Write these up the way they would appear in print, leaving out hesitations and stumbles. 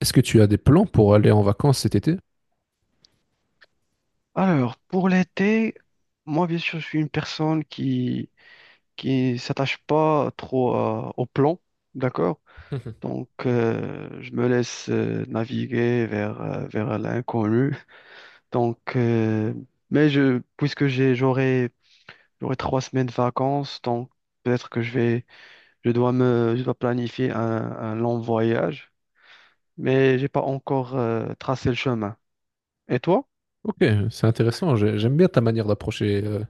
Est-ce que tu as des plans pour aller en vacances cet été? Alors, pour l'été, moi, bien sûr, je suis une personne qui s'attache pas trop au plan, d'accord? Mhm. Donc, je me laisse naviguer vers vers l'inconnu. Donc, mais je puisque j'aurai j'aurai 3 semaines de vacances, donc peut-être que je vais je dois me je dois planifier un long voyage, mais j'ai pas encore tracé le chemin. Et toi? Ok, c'est intéressant. J'aime bien ta manière d'approcher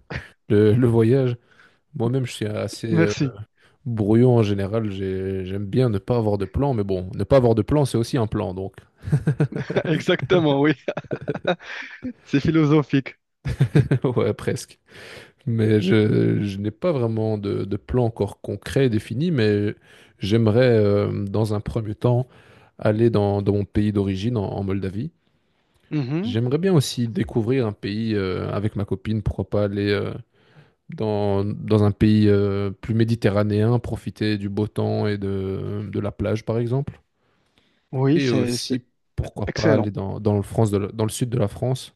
le voyage. Moi-même, je suis assez Merci. brouillon en général. J'aime bien ne pas avoir de plan, mais bon, ne pas avoir de plan, c'est aussi un plan, donc. Exactement, oui. C'est philosophique. Ouais, presque. Mais je n'ai pas vraiment de plan encore concret défini, mais j'aimerais, dans un premier temps, aller dans mon pays d'origine, en Moldavie. Mhm. J'aimerais bien aussi découvrir un pays avec ma copine, pourquoi pas aller dans un pays plus méditerranéen, profiter du beau temps et de la plage, par exemple. Oui, Et c'est aussi, pourquoi pas aller excellent. Dans le sud de la France.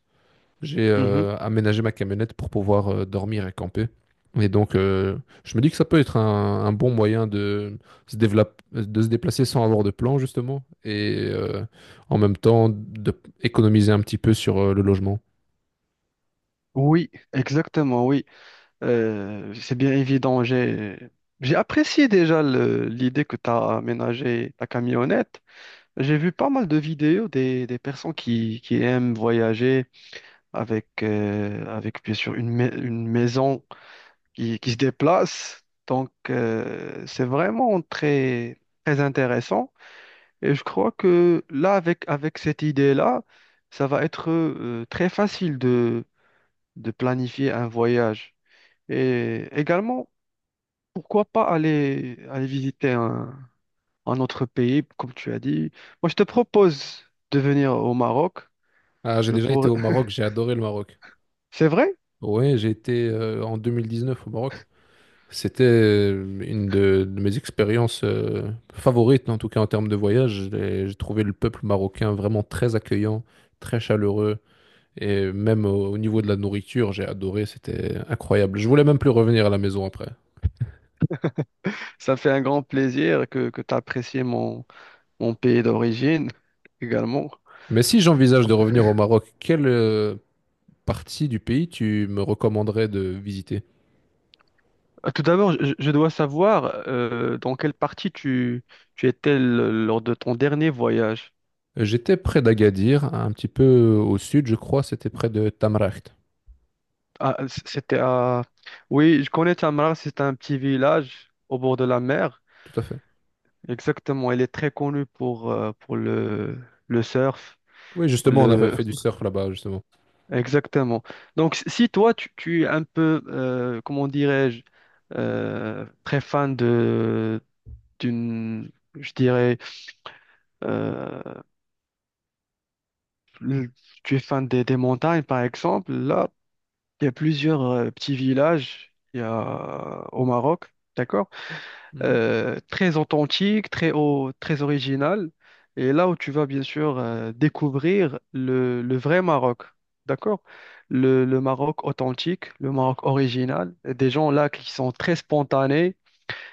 J'ai Mhm. euh, aménagé ma camionnette pour pouvoir dormir et camper. Et donc, je me dis que ça peut être un bon moyen de de se déplacer sans avoir de plan, justement, et en même temps d'économiser un petit peu sur le logement. Oui, exactement, oui. C'est bien évident. J'ai apprécié déjà l'idée que tu as aménagé ta camionnette. J'ai vu pas mal de vidéos des personnes qui aiment voyager avec, avec bien sûr une, une maison qui se déplacent. Donc, c'est vraiment très, très intéressant. Et je crois que là, avec, avec cette idée-là, ça va être très facile de planifier un voyage. Et également, pourquoi pas aller, aller visiter un autre pays, comme tu as dit. Moi, je te propose de venir au Maroc. Ah, j'ai Je déjà été pourrais... au Maroc, j'ai adoré le Maroc. C'est vrai, Ouais, j'ai été en 2019 au Maroc. C'était une de mes expériences favorites, en tout cas en termes de voyage. J'ai trouvé le peuple marocain vraiment très accueillant, très chaleureux. Et même au niveau de la nourriture, j'ai adoré, c'était incroyable. Je voulais même plus revenir à la maison après. ça me fait un grand plaisir que tu apprécies mon, mon pays d'origine également. Mais si j'envisage de revenir au Maroc, quelle partie du pays tu me recommanderais de visiter? Ah, tout d'abord, je dois savoir dans quelle partie tu, tu étais lors de ton dernier voyage. J'étais près d'Agadir, un petit peu au sud, je crois, c'était près de Tamraght. Ah, c'était à... Oui, je connais Tamra, c'est un petit village au bord de la mer. Tout à fait. Exactement, elle est très connue pour le surf. Oui, justement, on avait Le... fait du surf là-bas, justement. Exactement. Donc, si toi, tu es un peu, comment dirais-je, très fan de, d'une, je dirais, euh, le- tu es fan des montagnes, par exemple, là, il y a plusieurs petits villages il y a, au Maroc, d'accord? Mhm. Très authentique, très original. Et là où tu vas bien sûr découvrir le vrai Maroc, d'accord? Le Maroc authentique, le Maroc original. Et des gens là qui sont très spontanés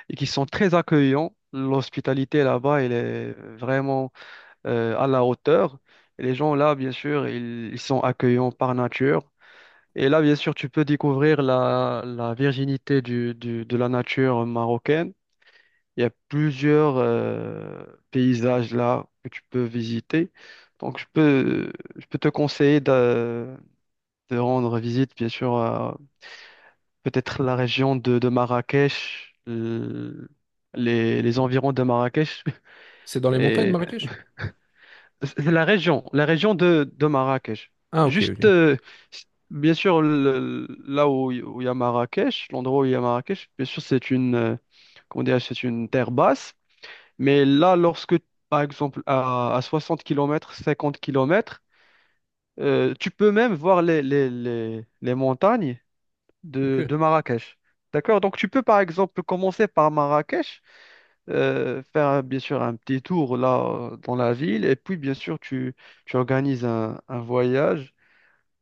et qui sont très accueillants. L'hospitalité là-bas, elle est vraiment à la hauteur. Et les gens là, bien sûr, ils sont accueillants par nature. Et là, bien sûr, tu peux découvrir la, la virginité de la nature marocaine. Il y a plusieurs paysages là que tu peux visiter. Donc, je peux te conseiller de rendre visite, bien sûr, à peut-être la région de Marrakech, les environs de Marrakech. C'est dans les montagnes, Et Marrakech? c'est la région de Marrakech. Ah, ok, ok. Juste, c- bien sûr, là où il y a Marrakech, l'endroit où il y a Marrakech, bien sûr, c'est une, comment dire, c'est une terre basse. Mais là, lorsque, par exemple, à 60 kilomètres 50 kilomètres tu peux même voir les montagnes Ok. De Marrakech. D'accord? Donc tu peux par exemple commencer par Marrakech, faire bien sûr un petit tour là dans la ville, et puis bien sûr tu, tu organises un voyage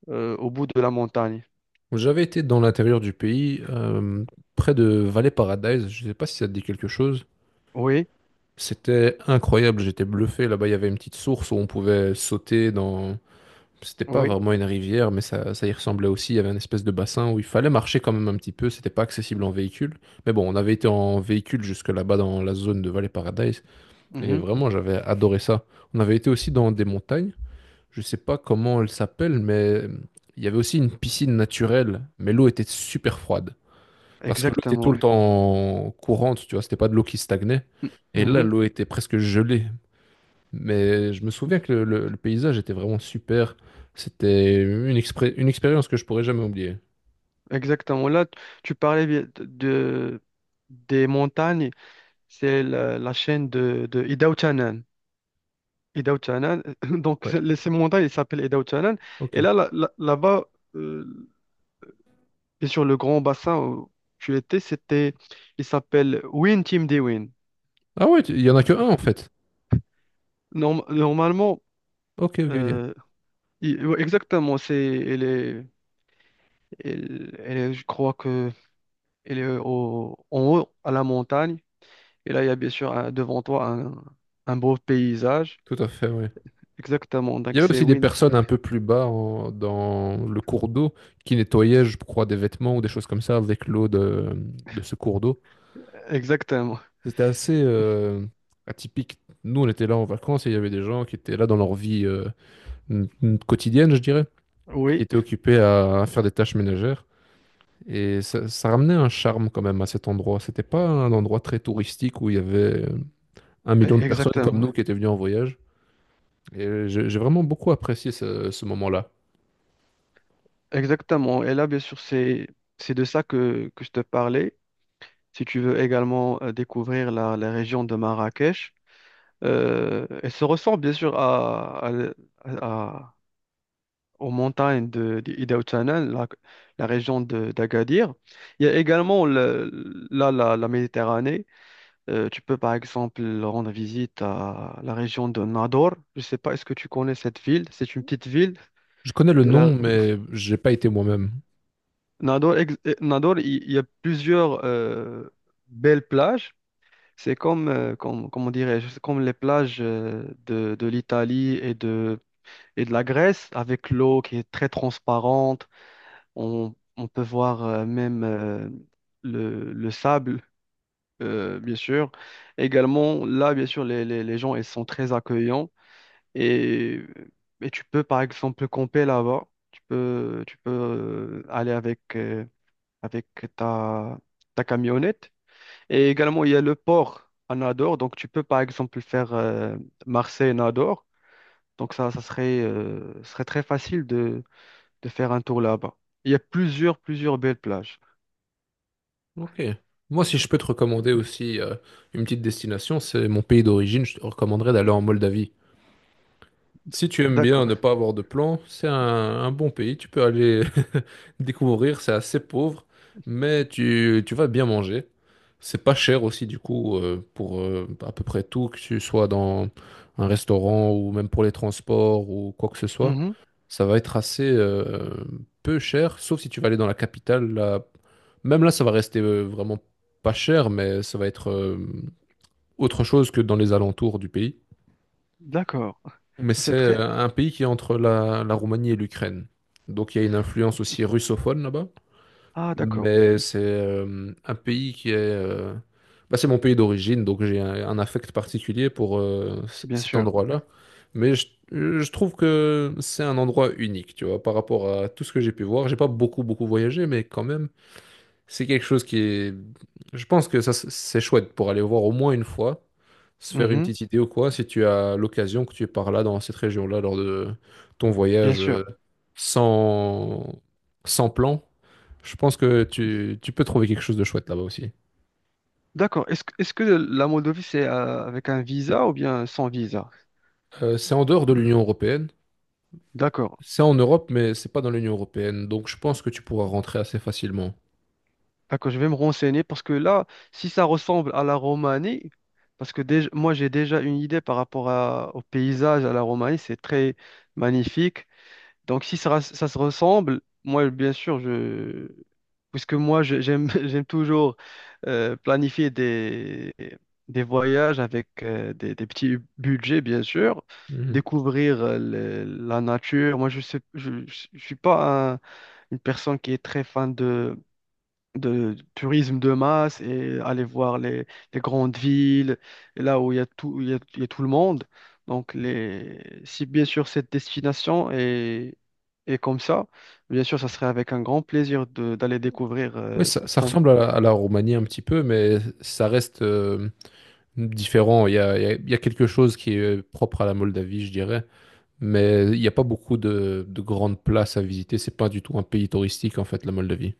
au bout de la montagne. J'avais été dans l'intérieur du pays, près de Valley Paradise. Je sais pas si ça te dit quelque chose. Oui, C'était incroyable, j'étais bluffé. Là-bas, il y avait une petite source où on pouvait sauter dans. C'était pas oui, vraiment une rivière, mais ça y ressemblait aussi. Il y avait une espèce de bassin où il fallait marcher quand même un petit peu. C'était pas accessible en véhicule. Mais bon, on avait été en véhicule jusque là-bas dans la zone de Valley Paradise. Et mhm, vraiment, j'avais adoré ça. On avait été aussi dans des montagnes. Je sais pas comment elle s'appelle, mais euh, il y avait aussi une piscine naturelle, mais l'eau était super froide. Parce que l'eau était tout exactement. le Oui, temps courante, tu vois, c'était pas de l'eau qui stagnait. Et là, mhm, l'eau était presque gelée. Mais je me souviens que le paysage était vraiment super. C'était une expérience que je pourrais jamais oublier. exactement. Là, tu parlais bien de, des montagnes, c'est la, la chaîne de Idao-Chanan. Idao-Chanan, donc Ouais, ces montagnes, elles s'appellent Idao-Chanan, ok. et là, là-bas, euh, et sur le grand bassin où tu étais, c'était, il s'appelle Win Team Dewin. Ah ouais, il y en a que un en fait. Normalement, Ok, ok, ok. euh, ouais, exactement, c'est, elle est, je crois que elle est au, en haut, à la montagne. Et là, il y a bien sûr devant toi un beau paysage. Tout à fait, ouais. Exactement, Il y donc avait c'est aussi des Win Team. personnes un peu plus bas dans le cours d'eau qui nettoyaient, je crois, des vêtements ou des choses comme ça avec l'eau de ce cours d'eau. Exactement, C'était assez atypique. Nous, on était là en vacances et il y avait des gens qui étaient là dans leur vie quotidienne, je dirais, qui oui, étaient occupés à faire des tâches ménagères. Et ça ramenait un charme quand même à cet endroit. C'était pas un endroit très touristique où il y avait un e- million de personnes comme exactement, nous qui étaient venues en voyage. Et j'ai vraiment beaucoup apprécié ce moment-là. exactement. Et là, bien sûr, c'est de ça que je te parlais. Si tu veux également découvrir la la région de Marrakech. Elle se ressemble bien sûr à, à- aux montagnes de Ida Otsana, la région d'Agadir. Il y a également là la, la Méditerranée. Tu peux par exemple rendre visite à la région de Nador. Je ne sais pas, est-ce que tu connais cette ville? C'est une petite ville Je connais le de la nom, mais j'ai pas été moi-même. Nador. Nador, il y a plusieurs belles plages. C'est comme, comme, comment dirais-je, c'est comme les plages de l'Italie et de la graisse avec l'eau qui est très transparente. On peut voir même le sable, bien sûr. Également, là, bien sûr, les gens, ils sont très accueillants. Et, et tu peux, par exemple, camper là-bas. Tu peux aller avec, avec ta, ta camionnette. Et également, il y a le port à Nador. Donc, tu peux, par exemple, faire Marseille-Nador. Donc, ça serait, serait très facile de faire un tour là-bas. Il y a plusieurs, plusieurs belles plages. Ok. Moi, si je peux te recommander aussi une petite destination, c'est mon pays d'origine. Je te recommanderais d'aller en Moldavie. Si tu aimes bien ne D'accord. pas avoir de plan, c'est un bon pays. Tu peux aller découvrir. C'est assez pauvre, mais tu vas bien manger. C'est pas cher aussi, du coup, pour à peu près tout, que tu sois dans un restaurant ou même pour les transports ou quoi que ce soit. Mhm. Ça va être assez peu cher, sauf si tu vas aller dans la capitale. Là. Même là, ça va rester vraiment pas cher, mais ça va être autre chose que dans les alentours du pays. D'accord. Mais c'est C'est très... euh, un pays qui est entre la Roumanie et l'Ukraine. Donc il y a une influence aussi russophone là-bas. Ah, d'accord. Mais c'est un pays qui est... bah, c'est mon pays d'origine, donc j'ai un affect particulier pour Bien cet sûr. endroit-là. Mais je trouve que c'est un endroit unique, tu vois, par rapport à tout ce que j'ai pu voir. J'ai pas beaucoup, beaucoup voyagé, mais quand même... C'est quelque chose qui est... Je pense que ça, c'est chouette pour aller voir au moins une fois, se faire une Mhm. petite idée ou quoi, si tu as l'occasion que tu es par là, dans cette région-là, lors de ton Bien voyage sûr. euh, sans, sans plan. Je pense que tu peux trouver quelque chose de chouette là-bas aussi. D'accord. Est-ce que la Moldovie, c'est avec un visa ou bien sans visa? C'est en dehors de l'Union européenne. D'accord. C'est en Europe, mais c'est pas dans l'Union européenne. Donc je pense que tu pourras rentrer assez facilement. D'accord, je vais me renseigner parce que là, si ça ressemble à la Roumanie, parce que déjà, moi j'ai déjà une idée par rapport au paysage à la Roumanie, c'est très magnifique. Donc si ça, ça se ressemble, moi bien sûr, je... puisque moi j'aime j'aime toujours planifier des voyages avec des petits budgets, bien sûr, Mhm. découvrir la nature. Moi je sais, je suis pas une personne qui est très fan de tourisme de masse et aller voir les grandes villes, et là où il y a tout, il y a tout le monde. Donc, les, si bien sûr cette destination est, est comme ça, bien sûr, ça serait avec un grand plaisir d'aller découvrir Oui, ça ton... ressemble à à la Roumanie un petit peu, mais ça reste, différent. Il y a quelque chose qui est propre à la Moldavie, je dirais, mais il n'y a pas beaucoup de grandes places à visiter. C'est pas du tout un pays touristique, en fait, la Moldavie.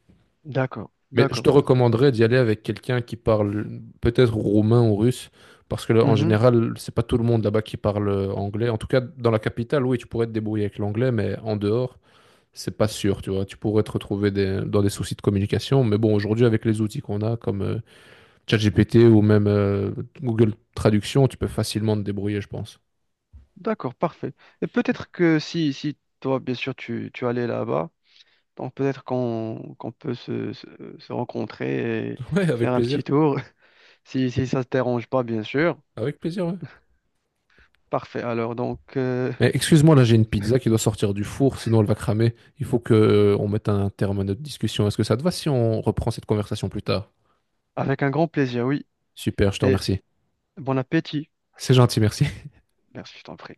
D'accord, Mais je te d'accord. recommanderais d'y aller avec quelqu'un qui parle peut-être roumain ou russe, parce que là, en Mhm, général, c'est pas tout le monde là-bas qui parle anglais. En tout cas, dans la capitale, oui, tu pourrais te débrouiller avec l'anglais, mais en dehors, c'est pas sûr, tu vois. Tu pourrais te retrouver dans des soucis de communication, mais bon, aujourd'hui, avec les outils qu'on a, comme ChatGPT ou même Google Traduction, tu peux facilement te débrouiller, je pense. d'accord, parfait. Et peut-être que si, si toi, bien sûr, tu allais là-bas, donc peut-être qu'on peut se, se se rencontrer et Ouais, faire avec un petit plaisir. tour, si, si ça ne te dérange pas, bien sûr. Avec plaisir, ouais. Parfait. Alors, donc, Mais excuse-moi, là j'ai une pizza qui doit sortir du four, sinon elle va cramer. Il faut que on mette un terme à notre discussion. Est-ce que ça te va si on reprend cette conversation plus tard? avec un grand plaisir, oui. Super, je te Et remercie. bon appétit. C'est gentil, merci. Merci, je t'en prie.